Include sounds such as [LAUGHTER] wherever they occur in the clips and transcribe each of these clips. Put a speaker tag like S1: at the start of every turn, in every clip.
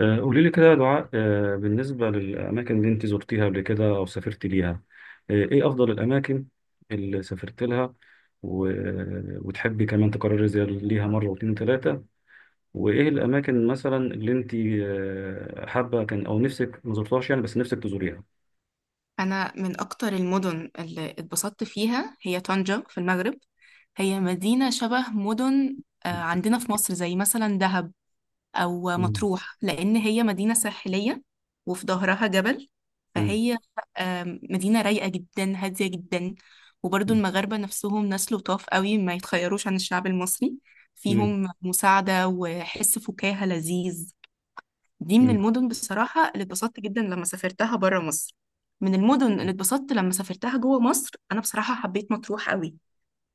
S1: قولي لي كده يا دعاء، بالنسبة للأماكن اللي أنت زرتيها قبل كده أو سافرت ليها. إيه أفضل الأماكن اللي سافرت لها و... وتحبي كمان تكرري زي ليها مرة واتنين تلاتة. وإيه الأماكن مثلا اللي أنت حابة كان أو نفسك ما زرتهاش، يعني بس نفسك تزوريها.
S2: أنا من أكتر المدن اللي اتبسطت فيها هي طنجة في المغرب. هي مدينة شبه مدن عندنا في مصر زي مثلا دهب أو
S1: مم.
S2: مطروح، لأن هي مدينة ساحلية وفي ظهرها جبل.
S1: مم.
S2: فهي مدينة رايقة جدا، هادية جدا. وبرضو
S1: مم.
S2: المغاربة نفسهم ناس لطاف قوي، ما يتخيروش عن الشعب المصري.
S1: مم.
S2: فيهم مساعدة وحس فكاهة لذيذ. دي من المدن بصراحة اللي اتبسطت جدا لما سافرتها برا مصر. من المدن اللي اتبسطت لما سافرتها جوه مصر، أنا بصراحة حبيت مطروح قوي.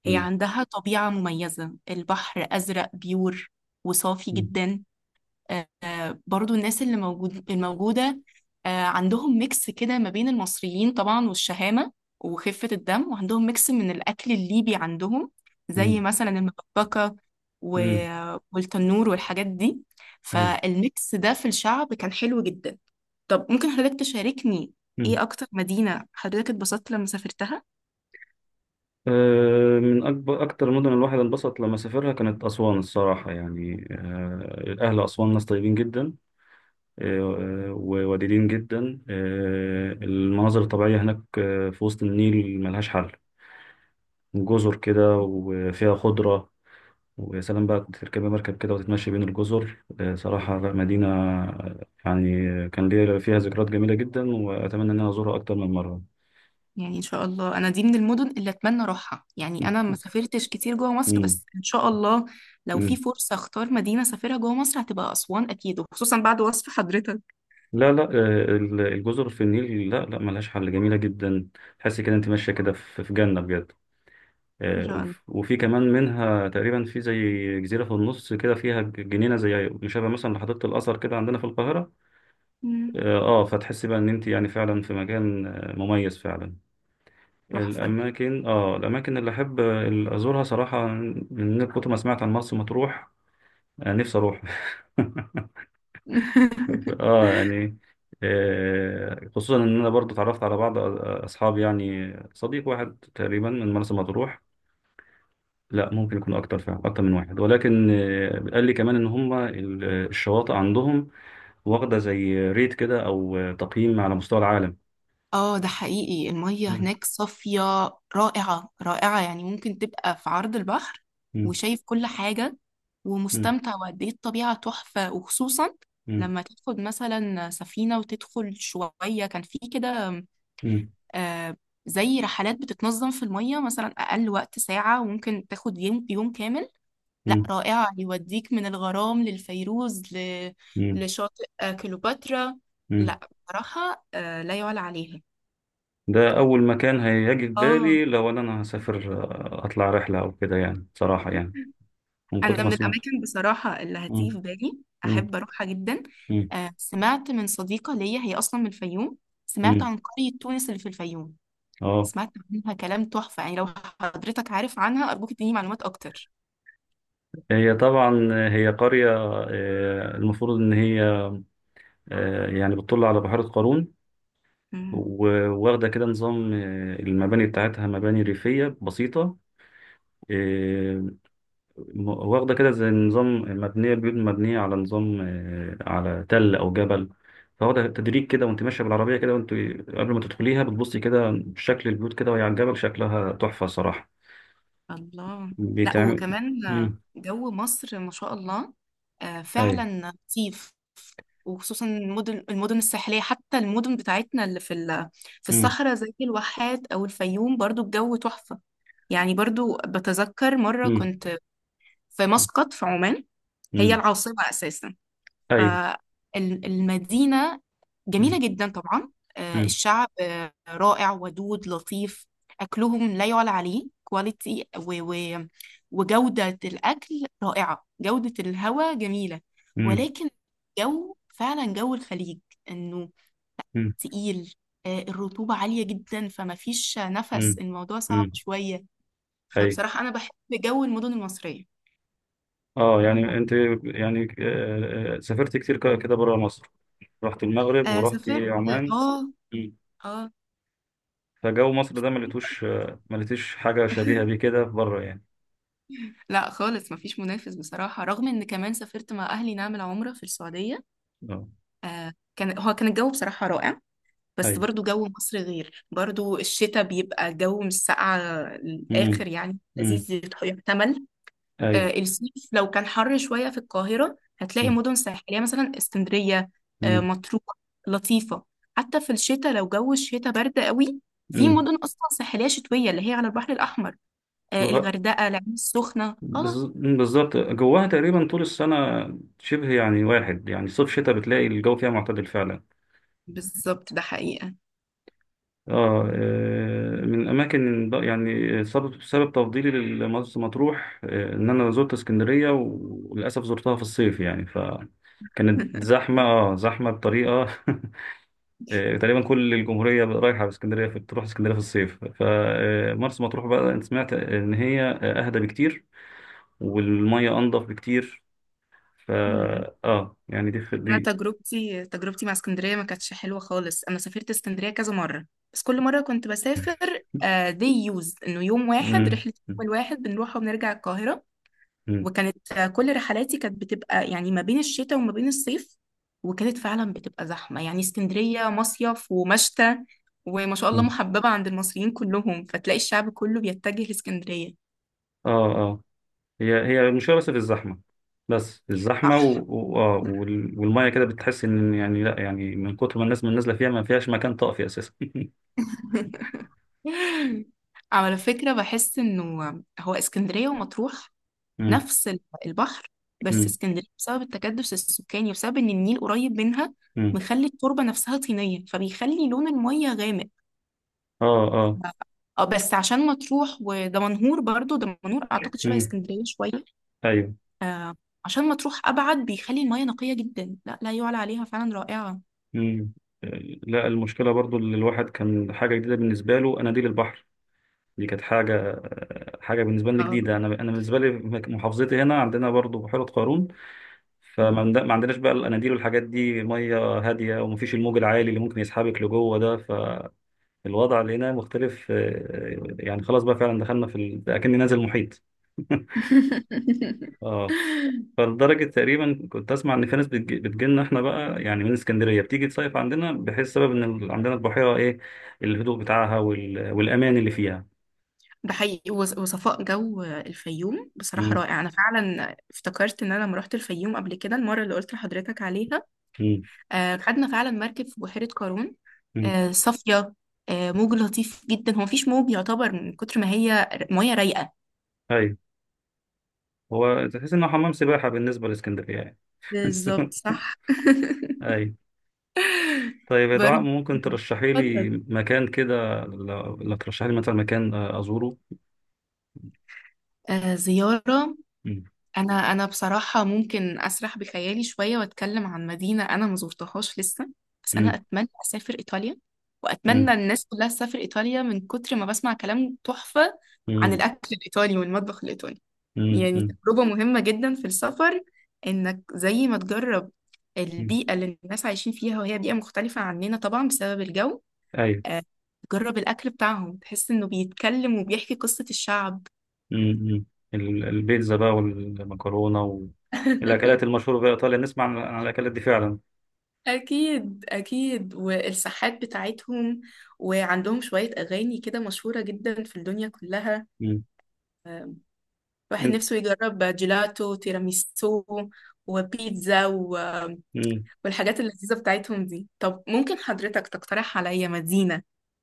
S2: هي
S1: مم.
S2: عندها طبيعة مميزة، البحر أزرق بيور وصافي
S1: مم.
S2: جدا. برضو الناس اللي موجود الموجودة، عندهم ميكس كده ما بين المصريين طبعا والشهامة وخفة الدم، وعندهم ميكس من الأكل الليبي عندهم زي
S1: مم.
S2: مثلا المبكبكة و...
S1: مم.
S2: والتنور والحاجات دي.
S1: أيوة.
S2: فالميكس ده في الشعب كان حلو جدا. طب ممكن حضرتك تشاركني، ايه أكتر مدينة حضرتك اتبسطت لما سافرتها؟
S1: من أكتر المدن الواحد انبسط لما سافرها كانت أسوان الصراحة، يعني أهل أسوان ناس طيبين جدا، وودودين جدا. المناظر الطبيعية هناك، في وسط النيل ملهاش حل، جزر كده وفيها خضرة. ويا سلام بقى، كنت تركب مركب كده وتتمشي بين الجزر. صراحة لا مدينة، يعني كان ليا فيها ذكريات جميلة جدا، وأتمنى إن أنا أزورها أكتر من مرة.
S2: يعني ان شاء الله، انا دي من المدن اللي اتمنى اروحها. يعني انا ما سافرتش كتير جوه مصر،
S1: مم.
S2: بس ان شاء الله لو في
S1: مم.
S2: فرصة اختار مدينة اسافرها جوه مصر، هتبقى اسوان اكيد، وخصوصا بعد وصف حضرتك.
S1: لا، لا، الجزر في النيل لا، لا، ملهاش حل، جميلة جدا. تحس كده انت ماشية كده في جنة بجد.
S2: ان
S1: آه،
S2: شاء الله.
S1: وف- وفي كمان منها تقريبا في زي جزيرة في النص كده، فيها جنينة زي مشابه مثلا لحديقة الأزهر كده عندنا في القاهرة.
S2: مم.
S1: فتحس بقى ان انت يعني فعلا في مكان مميز فعلا.
S2: تحفة.
S1: الأماكن اللي أحب أزورها صراحة، من كتر ما سمعت عن مرسى مطروح، نفسي أروح. [LAUGHS] ف-
S2: [LAUGHS]
S1: اه يعني خصوصا ان انا برضو اتعرفت على بعض اصحابي، يعني صديق واحد تقريبا من مرسى مطروح. لا، ممكن يكون اكتر، فعلا اكتر من واحد، ولكن قال لي كمان ان هم الشواطئ عندهم واخده زي ريت كده، او تقييم على مستوى العالم.
S2: اه، ده حقيقي، المية
S1: مم.
S2: هناك صافية، رائعة رائعة. يعني ممكن تبقى في عرض البحر
S1: مم.
S2: وشايف كل حاجة
S1: مم.
S2: ومستمتع، وقد ايه الطبيعة تحفة. وخصوصا
S1: مم.
S2: لما تاخد مثلا سفينة وتدخل شوية كان في كده،
S1: مم.
S2: آه، زي رحلات بتتنظم في المية، مثلا أقل وقت ساعة وممكن تاخد يوم، يوم كامل. لا
S1: مم.
S2: رائعة، يوديك من الغرام للفيروز
S1: مم.
S2: لشاطئ كليوباترا.
S1: مم.
S2: لا بصراحة لا يعلى عليها.
S1: ده اول مكان هيجي في
S2: اه.
S1: بالي لو انا هسافر، اطلع رحله او كده يعني، صراحه يعني،
S2: [LAUGHS]
S1: من كتر
S2: أنا
S1: ما
S2: من
S1: سمعت.
S2: الأماكن بصراحة اللي هتيجي
S1: مم.
S2: في بالي
S1: مم.
S2: أحب أروحها جدا. سمعت من صديقة ليا، هي أصلا من الفيوم. سمعت
S1: مم.
S2: عن قرية تونس اللي في الفيوم.
S1: اه.
S2: سمعت عنها كلام تحفة. يعني لو حضرتك عارف عنها، أرجوك تديني معلومات أكتر.
S1: هي طبعا، قرية، المفروض إن هي، يعني بتطل على بحيرة قارون، و- وواخدة كده نظام، المباني بتاعتها مباني ريفية بسيطة. آه، واخدة كده زي نظام، مبنية بيوت مبنية على نظام على تل أو جبل، فواخدة تدريج كده. وأنت ماشية بالعربية كده، وأنت قبل ما تدخليها بتبصي كده شكل البيوت كده وهي على الجبل، شكلها تحفة صراحة.
S2: الله. لا،
S1: بيتعمل.
S2: وكمان
S1: مم.
S2: جو مصر ما شاء الله
S1: أيوه.
S2: فعلا لطيف، وخصوصا المدن الساحليه. حتى المدن بتاعتنا اللي في في
S1: مم.
S2: الصحراء، زي الواحات او الفيوم، برضو الجو تحفه. يعني برضو بتذكر مره
S1: مم.
S2: كنت في مسقط في عمان، هي
S1: مم.
S2: العاصمه اساسا.
S1: أيوه.
S2: فالمدينة جميلة جدا طبعا.
S1: مم.
S2: الشعب رائع ودود لطيف. أكلهم لا يعلى عليه، كواليتي وجودة الأكل رائعة، جودة الهواء جميلة.
S1: امم.
S2: ولكن جو فعلا جو الخليج، إنه
S1: امم.
S2: تقيل، الرطوبة عالية جدا، فما فيش نفس،
S1: امم.
S2: الموضوع صعب
S1: امم.
S2: شوية.
S1: اي.
S2: فبصراحة أنا بحب جو المدن المصرية.
S1: اه، يعني انت، سافرت كتير كده بره مصر، رحت المغرب ورحت
S2: سافرت.
S1: عمان.
S2: اه.
S1: مم.
S2: اه.
S1: فجو مصر ده ما لقيتوش آه، ما لقيتش حاجه شبيهه
S2: [LAUGHS]
S1: بيه كده بره يعني.
S2: لا خالص، مفيش منافس بصراحة. رغم ان كمان سافرت مع اهلي نعمل عمرة في السعودية،
S1: اه.
S2: آه كان، هو كان الجو بصراحة رائع، بس
S1: اي.
S2: برضو جو مصر غير. برضو الشتاء بيبقى جو مش ساقعة
S1: امم.
S2: الآخر، يعني
S1: امم.
S2: لذيذ يحتمل.
S1: اي.
S2: آه الصيف لو كان حر شوية في القاهرة، هتلاقي
S1: امم.
S2: مدن ساحلية يعني مثلا اسكندرية، آه
S1: امم.
S2: مطروح، لطيفة. حتى في الشتاء لو جو الشتاء برد قوي، في
S1: أمم.
S2: مدن أصلا ساحلية شتوية اللي هي على البحر الأحمر، آه
S1: الغ...
S2: الغردقة، العين السخنة. اه
S1: بالظبط، جواها تقريبا طول السنه شبه يعني واحد، يعني صيف شتاء بتلاقي الجو فيها معتدل فعلا.
S2: بالظبط، ده حقيقة.
S1: اه. من الاماكن يعني، سبب تفضيلي لمرسى مطروح ان انا زرت اسكندريه، وللاسف زرتها في الصيف يعني، فكانت
S2: [LAUGHS]
S1: زحمه، زحمه بطريقه. [LAUGHS] تقريبا كل الجمهوريه رايحه في اسكندريه، تروح اسكندريه في الصيف. فمرسى مطروح بقى، أنا سمعت ان هي اهدى بكتير، والميه انضف بكتير. فا
S2: مم.
S1: اه يعني،
S2: انا
S1: دي.
S2: تجربتي مع اسكندريه ما كانتش حلوه خالص. انا سافرت اسكندريه كذا مره، بس كل مره كنت بسافر
S1: [LAUGHS]
S2: دي يوز انه يوم واحد
S1: مم.
S2: رحله، يوم واحد بنروح وبنرجع القاهره.
S1: مم.
S2: وكانت كل رحلاتي كانت بتبقى يعني ما بين الشتاء وما بين الصيف، وكانت فعلا بتبقى زحمه. يعني اسكندريه مصيف ومشتى، وما شاء الله
S1: مم.
S2: محببه عند المصريين كلهم، فتلاقي الشعب كله بيتجه لاسكندريه.
S1: اه. آه. هي المشكله، بس في الزحمه، بس في الزحمه و...
S2: صح.
S1: و... آه، وال- والميه كده بتحس ان يعني، لا يعني، من كتر ما الناس من نازله فيها ما فيهاش مكان طافي اساسا. [LAUGHS]
S2: [LAUGHS] [LAUGHS] على فكرة بحس انه هو اسكندرية ومطروح
S1: مم.
S2: نفس البحر، بس
S1: مم.
S2: اسكندرية بسبب التكدس السكاني وبسبب ان النيل قريب منها،
S1: مم.
S2: مخلي التربة نفسها طينية، فبيخلي لون المية غامق.
S1: اه، اه.
S2: اه، بس عشان مطروح ودمنهور، برضو دمنهور اعتقد شبه
S1: مم.
S2: اسكندرية شوية.
S1: ايوه.
S2: آه عشان مطروح ابعد، بيخلي المية نقية جدا، لا لا يعلى عليها فعلا، رائعة.
S1: مم. لا، المشكله برضو اللي الواحد كان حاجه جديده بالنسبه له اناديل البحر. دي كانت حاجه بالنسبه لي
S2: آه.
S1: جديده. انا بالنسبه لي محافظتي هنا، عندنا برضو بحيره قارون، ما عندناش بقى الاناديل والحاجات دي، ميه هاديه ومفيش الموج العالي اللي ممكن يسحبك لجوه ده. الوضع لقيناه مختلف، يعني خلاص بقى فعلا دخلنا في اكني نازل محيط. [LAUGHS]
S2: [LAUGHS] اه
S1: اه. فلدرجة تقريبا كنت أسمع إن في ناس بتجيلنا إحنا بقى، يعني من اسكندرية بتيجي تصيف عندنا، بحيث سبب إن عندنا البحيرة إيه، الهدوء بتاعها وال... والأمان اللي فيها.
S2: ده حقيقي. وصفاء جو الفيوم بصراحة
S1: مم.
S2: رائع. أنا فعلا افتكرت إن أنا لما رحت الفيوم قبل كده، المرة اللي قلت لحضرتك عليها،
S1: مم.
S2: خدنا فعلا مركب في بحيرة قارون
S1: مم.
S2: صافية، موج لطيف جدا، هو مفيش موج يعتبر، من كتر ما هي مية رايقة.
S1: أيوة. هو تحس إنه حمام سباحة بالنسبة لإسكندرية يعني.
S2: بالظبط
S1: [LAUGHS]
S2: صح. [LAUGHS]
S1: أيوة. طيب يا دعاء،
S2: برضه.
S1: ممكن ترشحي
S2: اتفضل.
S1: لي مكان كده، لو ترشحي لي مثلا مكان أزوره؟
S2: زيارة.
S1: مم.
S2: انا انا بصراحه ممكن اسرح بخيالي شويه واتكلم عن مدينه انا ما زرتهاش لسه. بس انا
S1: مم.
S2: اتمنى اسافر ايطاليا،
S1: مم.
S2: واتمنى الناس كلها تسافر ايطاليا، من كتر ما بسمع كلام تحفه عن
S1: مم.
S2: الاكل الايطالي والمطبخ الايطالي.
S1: مم.
S2: يعني
S1: مم.
S2: تجربه مهمه جدا في السفر، انك زي ما تجرب
S1: مم.
S2: البيئه اللي الناس عايشين فيها، وهي بيئه مختلفه عننا طبعا بسبب الجو.
S1: ايوه.
S2: آه، تجرب الاكل بتاعهم، تحس انه بيتكلم وبيحكي قصه الشعب.
S1: مم. مم. البيتزا بقى والمكرونه، والاكلات
S2: [LAUGHS]
S1: المشهوره في ايطاليا، نسمع عن الاكلات دي فعلا.
S2: أكيد أكيد، والساحات بتاعتهم، وعندهم شوية أغاني كده مشهورة جدا في الدنيا كلها.
S1: مم.
S2: آه، الواحد
S1: انت.
S2: نفسه يجرب جيلاتو، تيراميسو، وبيتزا
S1: مم.
S2: والحاجات اللذيذة بتاعتهم دي. طب ممكن حضرتك تقترح عليا مدينة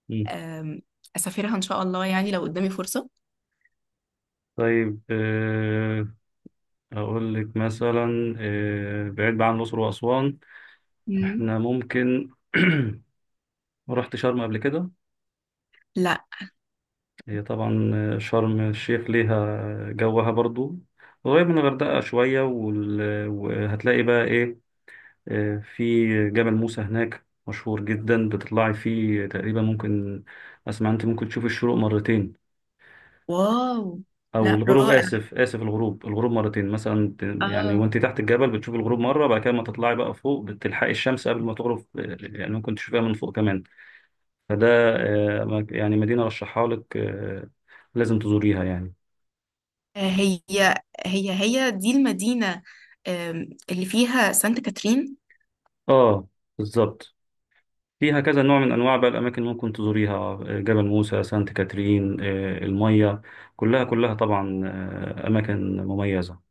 S1: مم.
S2: آم، أسافرها إن شاء الله، يعني لو قدامي فرصة؟
S1: طيب، اقول لك مثلا بعيد بقى عن الاقصر واسوان،
S2: مم.
S1: احنا ممكن. [CLEARS THROAT] رحت شرم قبل كده؟
S2: لا.
S1: هي طبعا شرم الشيخ ليها جوها برضو، قريب من الغردقه شويه، وال- وهتلاقي بقى ايه، في جبل موسى هناك مشهور جدا، بتطلعي فيه تقريبا، ممكن اسمع انت ممكن تشوف الشروق مرتين،
S2: واو. لا
S1: او الغروب،
S2: رائع.
S1: اسف اسف، الغروب، مرتين مثلا. يعني
S2: آه.
S1: وانت تحت الجبل بتشوف الغروب مره، بعد كده ما تطلعي بقى فوق بتلحقي الشمس قبل ما تغرب، يعني ممكن تشوفيها من فوق كمان. فده يعني مدينه رشحها لك، لازم تزوريها يعني.
S2: هي هي دي المدينة اللي فيها سانت كاترين.
S1: اه، بالظبط. فيها كذا نوع من انواع بقى الاماكن اللي ممكن تزوريها، جبل موسى، سانت كاترين، الميه، كلها كلها طبعا اماكن مميزه.